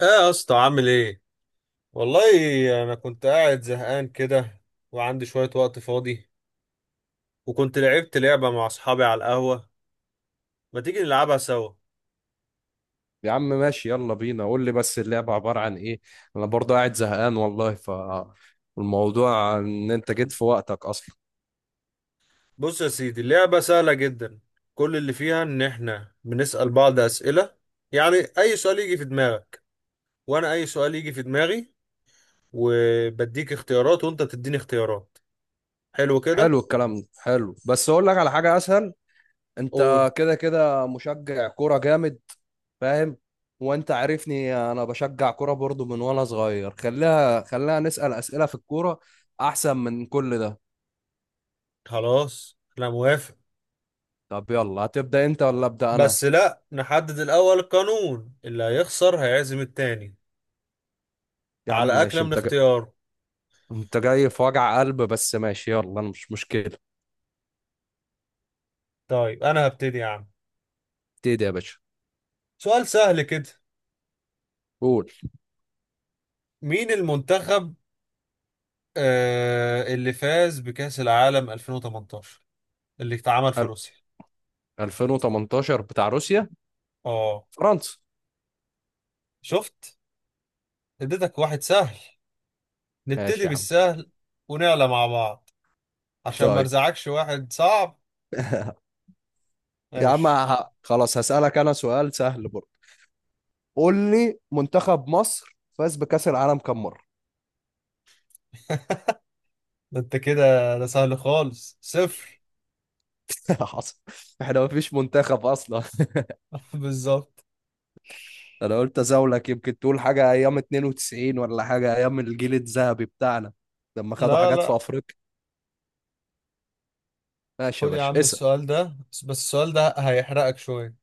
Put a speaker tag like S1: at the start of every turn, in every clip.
S1: ايه يا اسطى عامل ايه؟ والله انا كنت قاعد زهقان كده، وعندي شوية وقت فاضي، وكنت لعبت لعبة مع اصحابي على القهوة. ما تيجي نلعبها سوا؟
S2: يا عم ماشي، يلا بينا. قول لي بس اللعبة عبارة عن ايه. انا برضه قاعد زهقان والله. الموضوع ان انت جيت في وقتك اصلا.
S1: بص يا سيدي، اللعبة سهلة جدا. كل اللي فيها ان احنا بنسأل بعض اسئلة، يعني اي سؤال يجي في دماغك، وانا اي سؤال يجي في دماغي، وبديك اختيارات وانت تديني اختيارات. حلو كده.
S2: حلو، الكلام ده حلو، بس اقول لك على حاجة اسهل.
S1: قول.
S2: انت كده كده مشجع كورة جامد، فاهم؟ وانت عارفني انا بشجع كورة برضه من وانا صغير. خليها نسأل اسئلة في الكورة، احسن من كل ده.
S1: خلاص انا موافق.
S2: طب يلا، هتبدأ انت ولا ابدأ انا؟
S1: بس لا، نحدد الاول قانون اللي هيخسر هيعزم التاني
S2: يا عم
S1: على أكلة
S2: ماشي.
S1: من اختيار.
S2: انت جاي في وجع قلب، بس ماشي يلا، أنا مش مشكلة.
S1: طيب أنا هبتدي يا عم.
S2: ابتدي يا باشا.
S1: سؤال سهل كده.
S2: قول.
S1: مين المنتخب اللي فاز بكأس العالم 2018 اللي اتعمل في
S2: ال-
S1: روسيا؟
S2: 2018 بتاع روسيا؟
S1: اه.
S2: فرنسا.
S1: شفت؟ اديتك واحد سهل، نبتدي
S2: ماشي يا عم.
S1: بالسهل ونعلى مع بعض عشان ما
S2: طيب
S1: ارزعكش واحد صعب.
S2: يا عم،
S1: ماشي.
S2: خلاص هسألك أنا سؤال سهل برضه. قول لي منتخب مصر فاز بكأس العالم كم مرة؟
S1: ده انت كده، ده سهل خالص، صفر.
S2: حصل، احنا ما فيش منتخب أصلا.
S1: بالظبط.
S2: أنا قلت أزاولك يمكن تقول حاجة أيام 92 ولا حاجة أيام الجيل الذهبي بتاعنا، لما خدوا
S1: لا
S2: حاجات في
S1: لا.
S2: أفريقيا. ماشي يا
S1: خد يا
S2: باشا،
S1: عم
S2: اسأل.
S1: السؤال ده، بس السؤال ده هيحرقك شوية.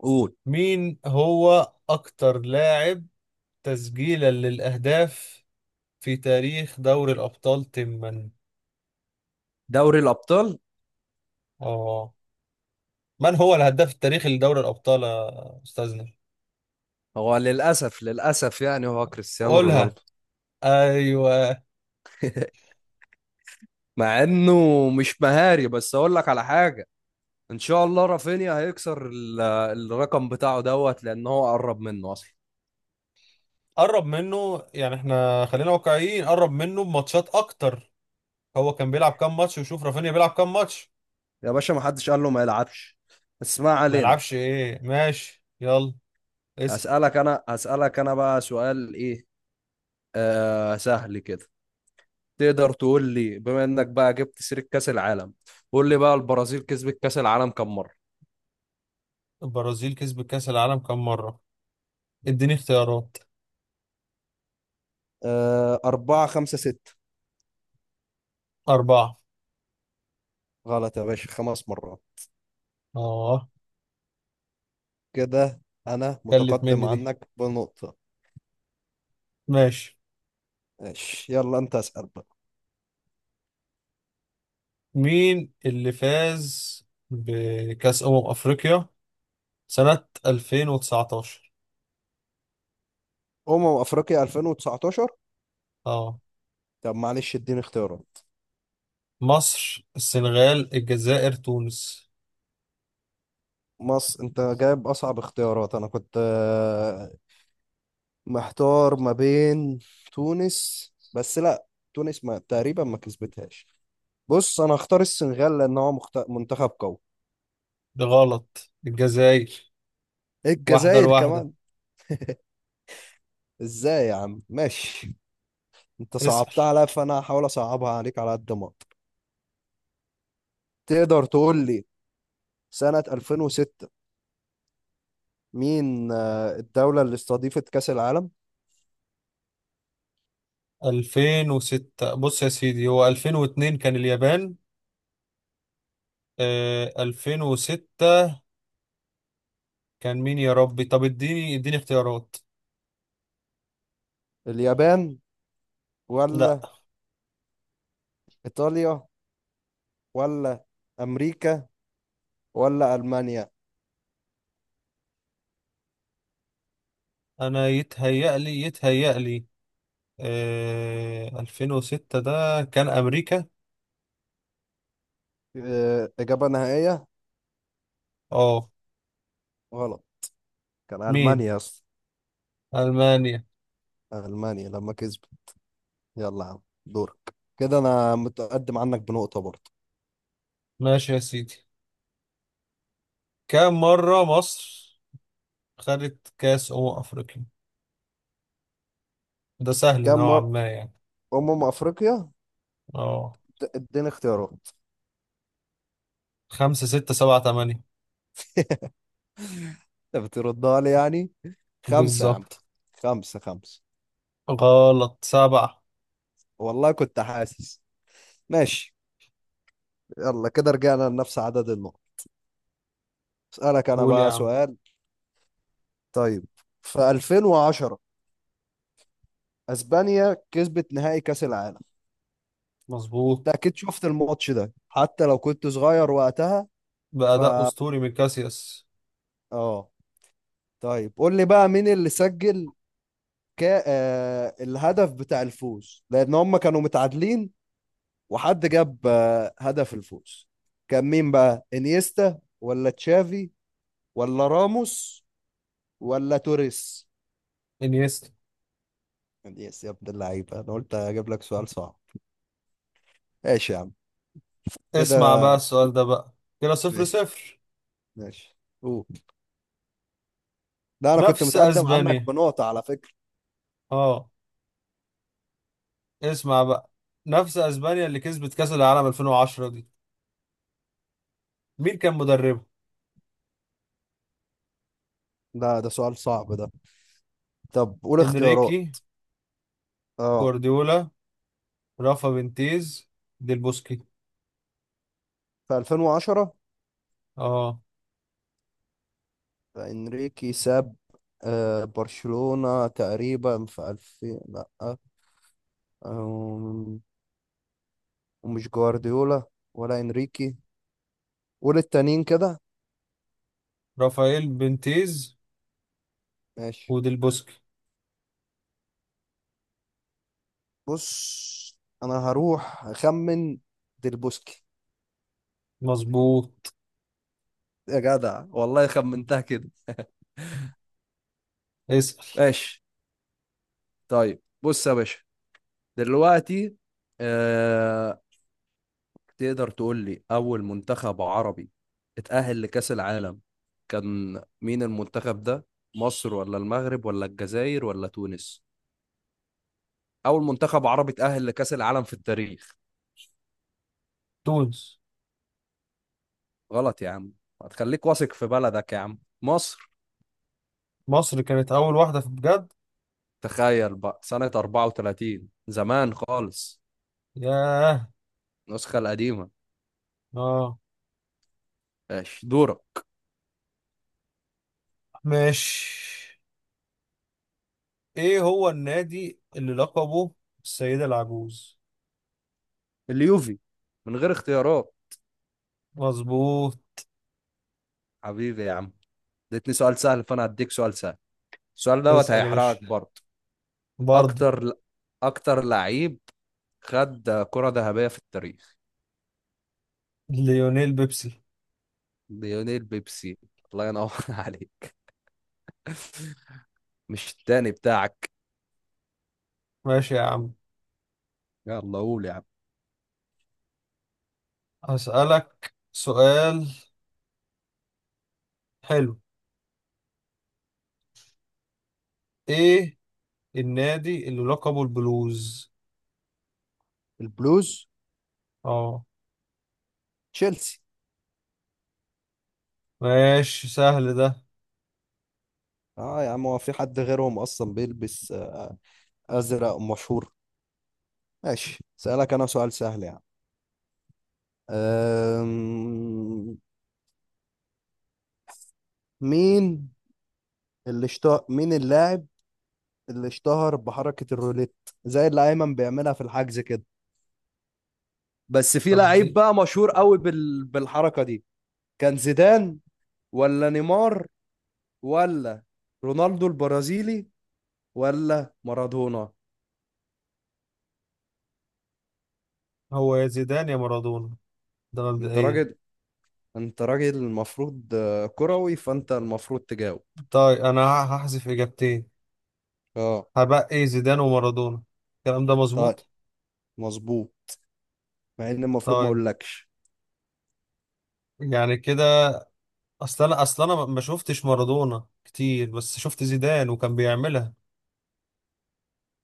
S2: قول.
S1: مين هو أكتر لاعب تسجيلا للأهداف في تاريخ دوري الأبطال تما؟
S2: دوري الأبطال؟
S1: آه، من هو الهداف التاريخي لدوري الأبطال يا أستاذنا؟
S2: هو للأسف، للأسف، يعني هو كريستيانو
S1: قولها.
S2: رونالدو،
S1: أيوه.
S2: مع انه مش مهاري. بس اقول لك على حاجه، ان شاء الله رافينيا هيكسر الرقم بتاعه دوت، لان هو قرب منه اصلا.
S1: قرب منه، يعني إحنا خلينا واقعيين، قرب منه بماتشات أكتر. هو كان بيلعب كام ماتش وشوف رافينيا بيلعب كام ماتش.
S2: يا باشا، ما حدش قال له ما يلعبش، بس ما
S1: ما
S2: علينا.
S1: يلعبش إيه، ماشي يلا. اسأل.
S2: هسألك انا بقى سؤال ايه. آه، سهل كده. تقدر تقول لي، بما انك بقى جبت سيرة كأس العالم، قول لي بقى البرازيل كسبت كأس العالم كم مرة؟
S1: البرازيل كسبت كأس العالم كام مرة؟ اديني اختيارات.
S2: آه، أربعة، خمسة، ستة؟
S1: أربعة.
S2: غلط يا باشا، خمس مرات.
S1: آه.
S2: كده أنا
S1: كلت
S2: متقدم
S1: مني دي.
S2: عنك بنقطة.
S1: ماشي.
S2: ماشي، يلا أنت اسأل بقى.
S1: مين اللي فاز بكأس أمم أفريقيا سنة 2019؟
S2: افريقيا 2019؟
S1: اه.
S2: طب معلش اديني اختيارات.
S1: مصر، السنغال، الجزائر، تونس.
S2: مصر؟ انت جايب اصعب اختيارات. انا كنت محتار ما بين تونس، بس لا، تونس ما تقريبا ما كسبتهاش. بص، انا هختار السنغال لان هو منتخب قوي.
S1: ده غلط، الجزائر. واحدة
S2: الجزائر
S1: لواحدة.
S2: كمان؟ ازاي يا عم؟ ماشي. انت
S1: اسأل.
S2: صعبتها عليا فانا هحاول اصعبها عليك على قد ما اقدر. تقدر تقول لي سنة 2006 مين الدولة اللي استضيفت كأس العالم؟
S1: 2006. بص يا سيدي، هو 2002 كان اليابان. آه، 2006 كان مين يا ربي؟ طب اديني اختيارات.
S2: اليابان
S1: لا.
S2: ولا إيطاليا ولا أمريكا ولا ألمانيا؟
S1: انا يتهيأ لي آه 2006 ده كان امريكا.
S2: آه، إجابة نهائية.
S1: اه.
S2: غلط، كان
S1: مين؟
S2: ألمانيا أصلا.
S1: ألمانيا.
S2: ألمانيا لما كسبت. يلا يا عم دورك. كده أنا متقدم عنك بنقطة برضه.
S1: ماشي يا سيدي. كم مرة مصر خدت كأس أمم أفريقيا؟ ده سهل
S2: كم
S1: نوعا
S2: مرة
S1: ما يعني.
S2: أمم أفريقيا؟
S1: اه.
S2: اديني اختيارات.
S1: خمسة ستة سبعة تمانية.
S2: أنت بتردها لي يعني. خمسة يا عم.
S1: بالظبط.
S2: خمسة، خمسة.
S1: غلط، سبعة.
S2: والله كنت حاسس. ماشي. يلا كده رجعنا لنفس عدد النقط. أسألك أنا
S1: قول يا
S2: بقى
S1: عم.
S2: سؤال. طيب، في 2010 أسبانيا كسبت نهائي كأس العالم، انت
S1: مظبوط.
S2: اكيد شفت الماتش ده حتى لو كنت صغير وقتها. ف
S1: بأداء أسطوري من كاسياس.
S2: اه. طيب قول لي بقى مين اللي سجل الهدف بتاع الفوز، لان هم كانوا متعادلين وحد جاب هدف الفوز. كان مين بقى، انيستا ولا تشافي ولا راموس ولا توريس؟
S1: إنيستا.
S2: يا ابن اللعيبه، انا قلت اجيب لك سؤال صعب. ماشي يا عم.
S1: اسمع
S2: كده.
S1: بقى السؤال ده بقى. كده صفر
S2: ماشي،
S1: صفر.
S2: ماشي، قول. لا، انا كنت
S1: نفس
S2: متقدم عنك
S1: أسبانيا.
S2: بنقطة على فكرة.
S1: اه. اسمع بقى. نفس أسبانيا اللي كسبت كأس العالم 2010 دي، مين كان مدربها؟
S2: ده سؤال صعب ده. طب قول اختيارات.
S1: إنريكي،
S2: اه.
S1: كوارديولا، رافا بنتيز، ديل بوسكي.
S2: في 2010.
S1: اه.
S2: انريكي ساب آه، برشلونة تقريبا في 2000. لا آه، ومش جوارديولا ولا انريكي ولا التانيين كده.
S1: رافائيل بنتيز
S2: ماشي.
S1: وديل بوسكي.
S2: بص انا هروح اخمن، ديلبوسكي.
S1: مظبوط.
S2: يا جدع والله خمنتها كده.
S1: اسأل
S2: ماشي. طيب بص يا باشا، دلوقتي، آه، تقدر تقول لي أول منتخب عربي اتأهل لكأس العالم؟ كان مين المنتخب ده؟ مصر ولا المغرب ولا الجزائر ولا تونس؟ أول منتخب عربي اتأهل لكأس العالم في التاريخ.
S1: تونس
S2: غلط يا عم. هتخليك واثق في بلدك يا عم، مصر.
S1: مصر كانت أول واحدة في بجد
S2: تخيل بقى سنة 34، زمان خالص،
S1: ياه
S2: النسخة القديمة.
S1: اه
S2: ماشي دورك.
S1: ماشي ايه هو النادي اللي لقبه السيدة العجوز
S2: اليوفي، من غير اختيارات.
S1: مظبوط
S2: حبيبي يا عم. اديتني سؤال سهل فأنا هديك سؤال سهل. السؤال دوت
S1: اسأل يا باشا
S2: هيحرقك برضه.
S1: برضه.
S2: اكتر اكتر لعيب خد كرة ذهبية في التاريخ.
S1: ليونيل بيبسي.
S2: ليونيل بيبسي؟ الله ينور عليك. مش التاني بتاعك.
S1: ماشي يا عم.
S2: يلا قول يا عم.
S1: هسألك سؤال حلو. ايه النادي اللي لقبه البلوز؟
S2: البلوز؟
S1: اه.
S2: تشيلسي.
S1: ماشي، سهل ده.
S2: اه يا عم، هو في حد غيرهم اصلا بيلبس ازرق مشهور؟ ماشي سألك انا سؤال سهل يعني. أم... مين اللي اشتهر، مين اللاعب اللي اشتهر بحركة الروليت، زي اللي ايمن بيعملها في الحجز كده، بس في
S1: طب دي،
S2: لعيب بقى مشهور قوي بالحركة دي. كان زيدان ولا نيمار ولا رونالدو البرازيلي ولا مارادونا؟
S1: هو يا زيدان يا مارادونا. ده
S2: انت
S1: مبدئيا.
S2: راجل انت راجل المفروض كروي، فانت المفروض تجاوب.
S1: طيب انا هحذف اجابتين.
S2: اه.
S1: هبقى زيدان ومارادونا. الكلام ده
S2: طيب.
S1: مظبوط؟
S2: مظبوط، مع ان المفروض ما
S1: طيب.
S2: اقولكش.
S1: يعني كده، اصل انا ما شفتش مارادونا كتير بس شفت زيدان وكان بيعملها.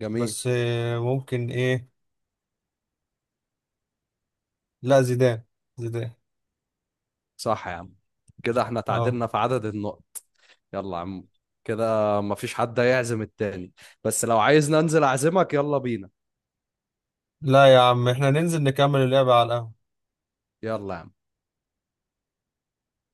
S2: جميل.
S1: بس ممكن ايه. لا، زيدان. زيدان.
S2: صح يا عم. كده احنا
S1: اه.
S2: تعادلنا في عدد النقط. يلا يا عم، كده مفيش حد هيعزم التاني، بس لو عايز ننزل اعزمك يلا بينا.
S1: لا يا عم، احنا ننزل نكمل اللعبة على القهوة.
S2: يلا يا عم.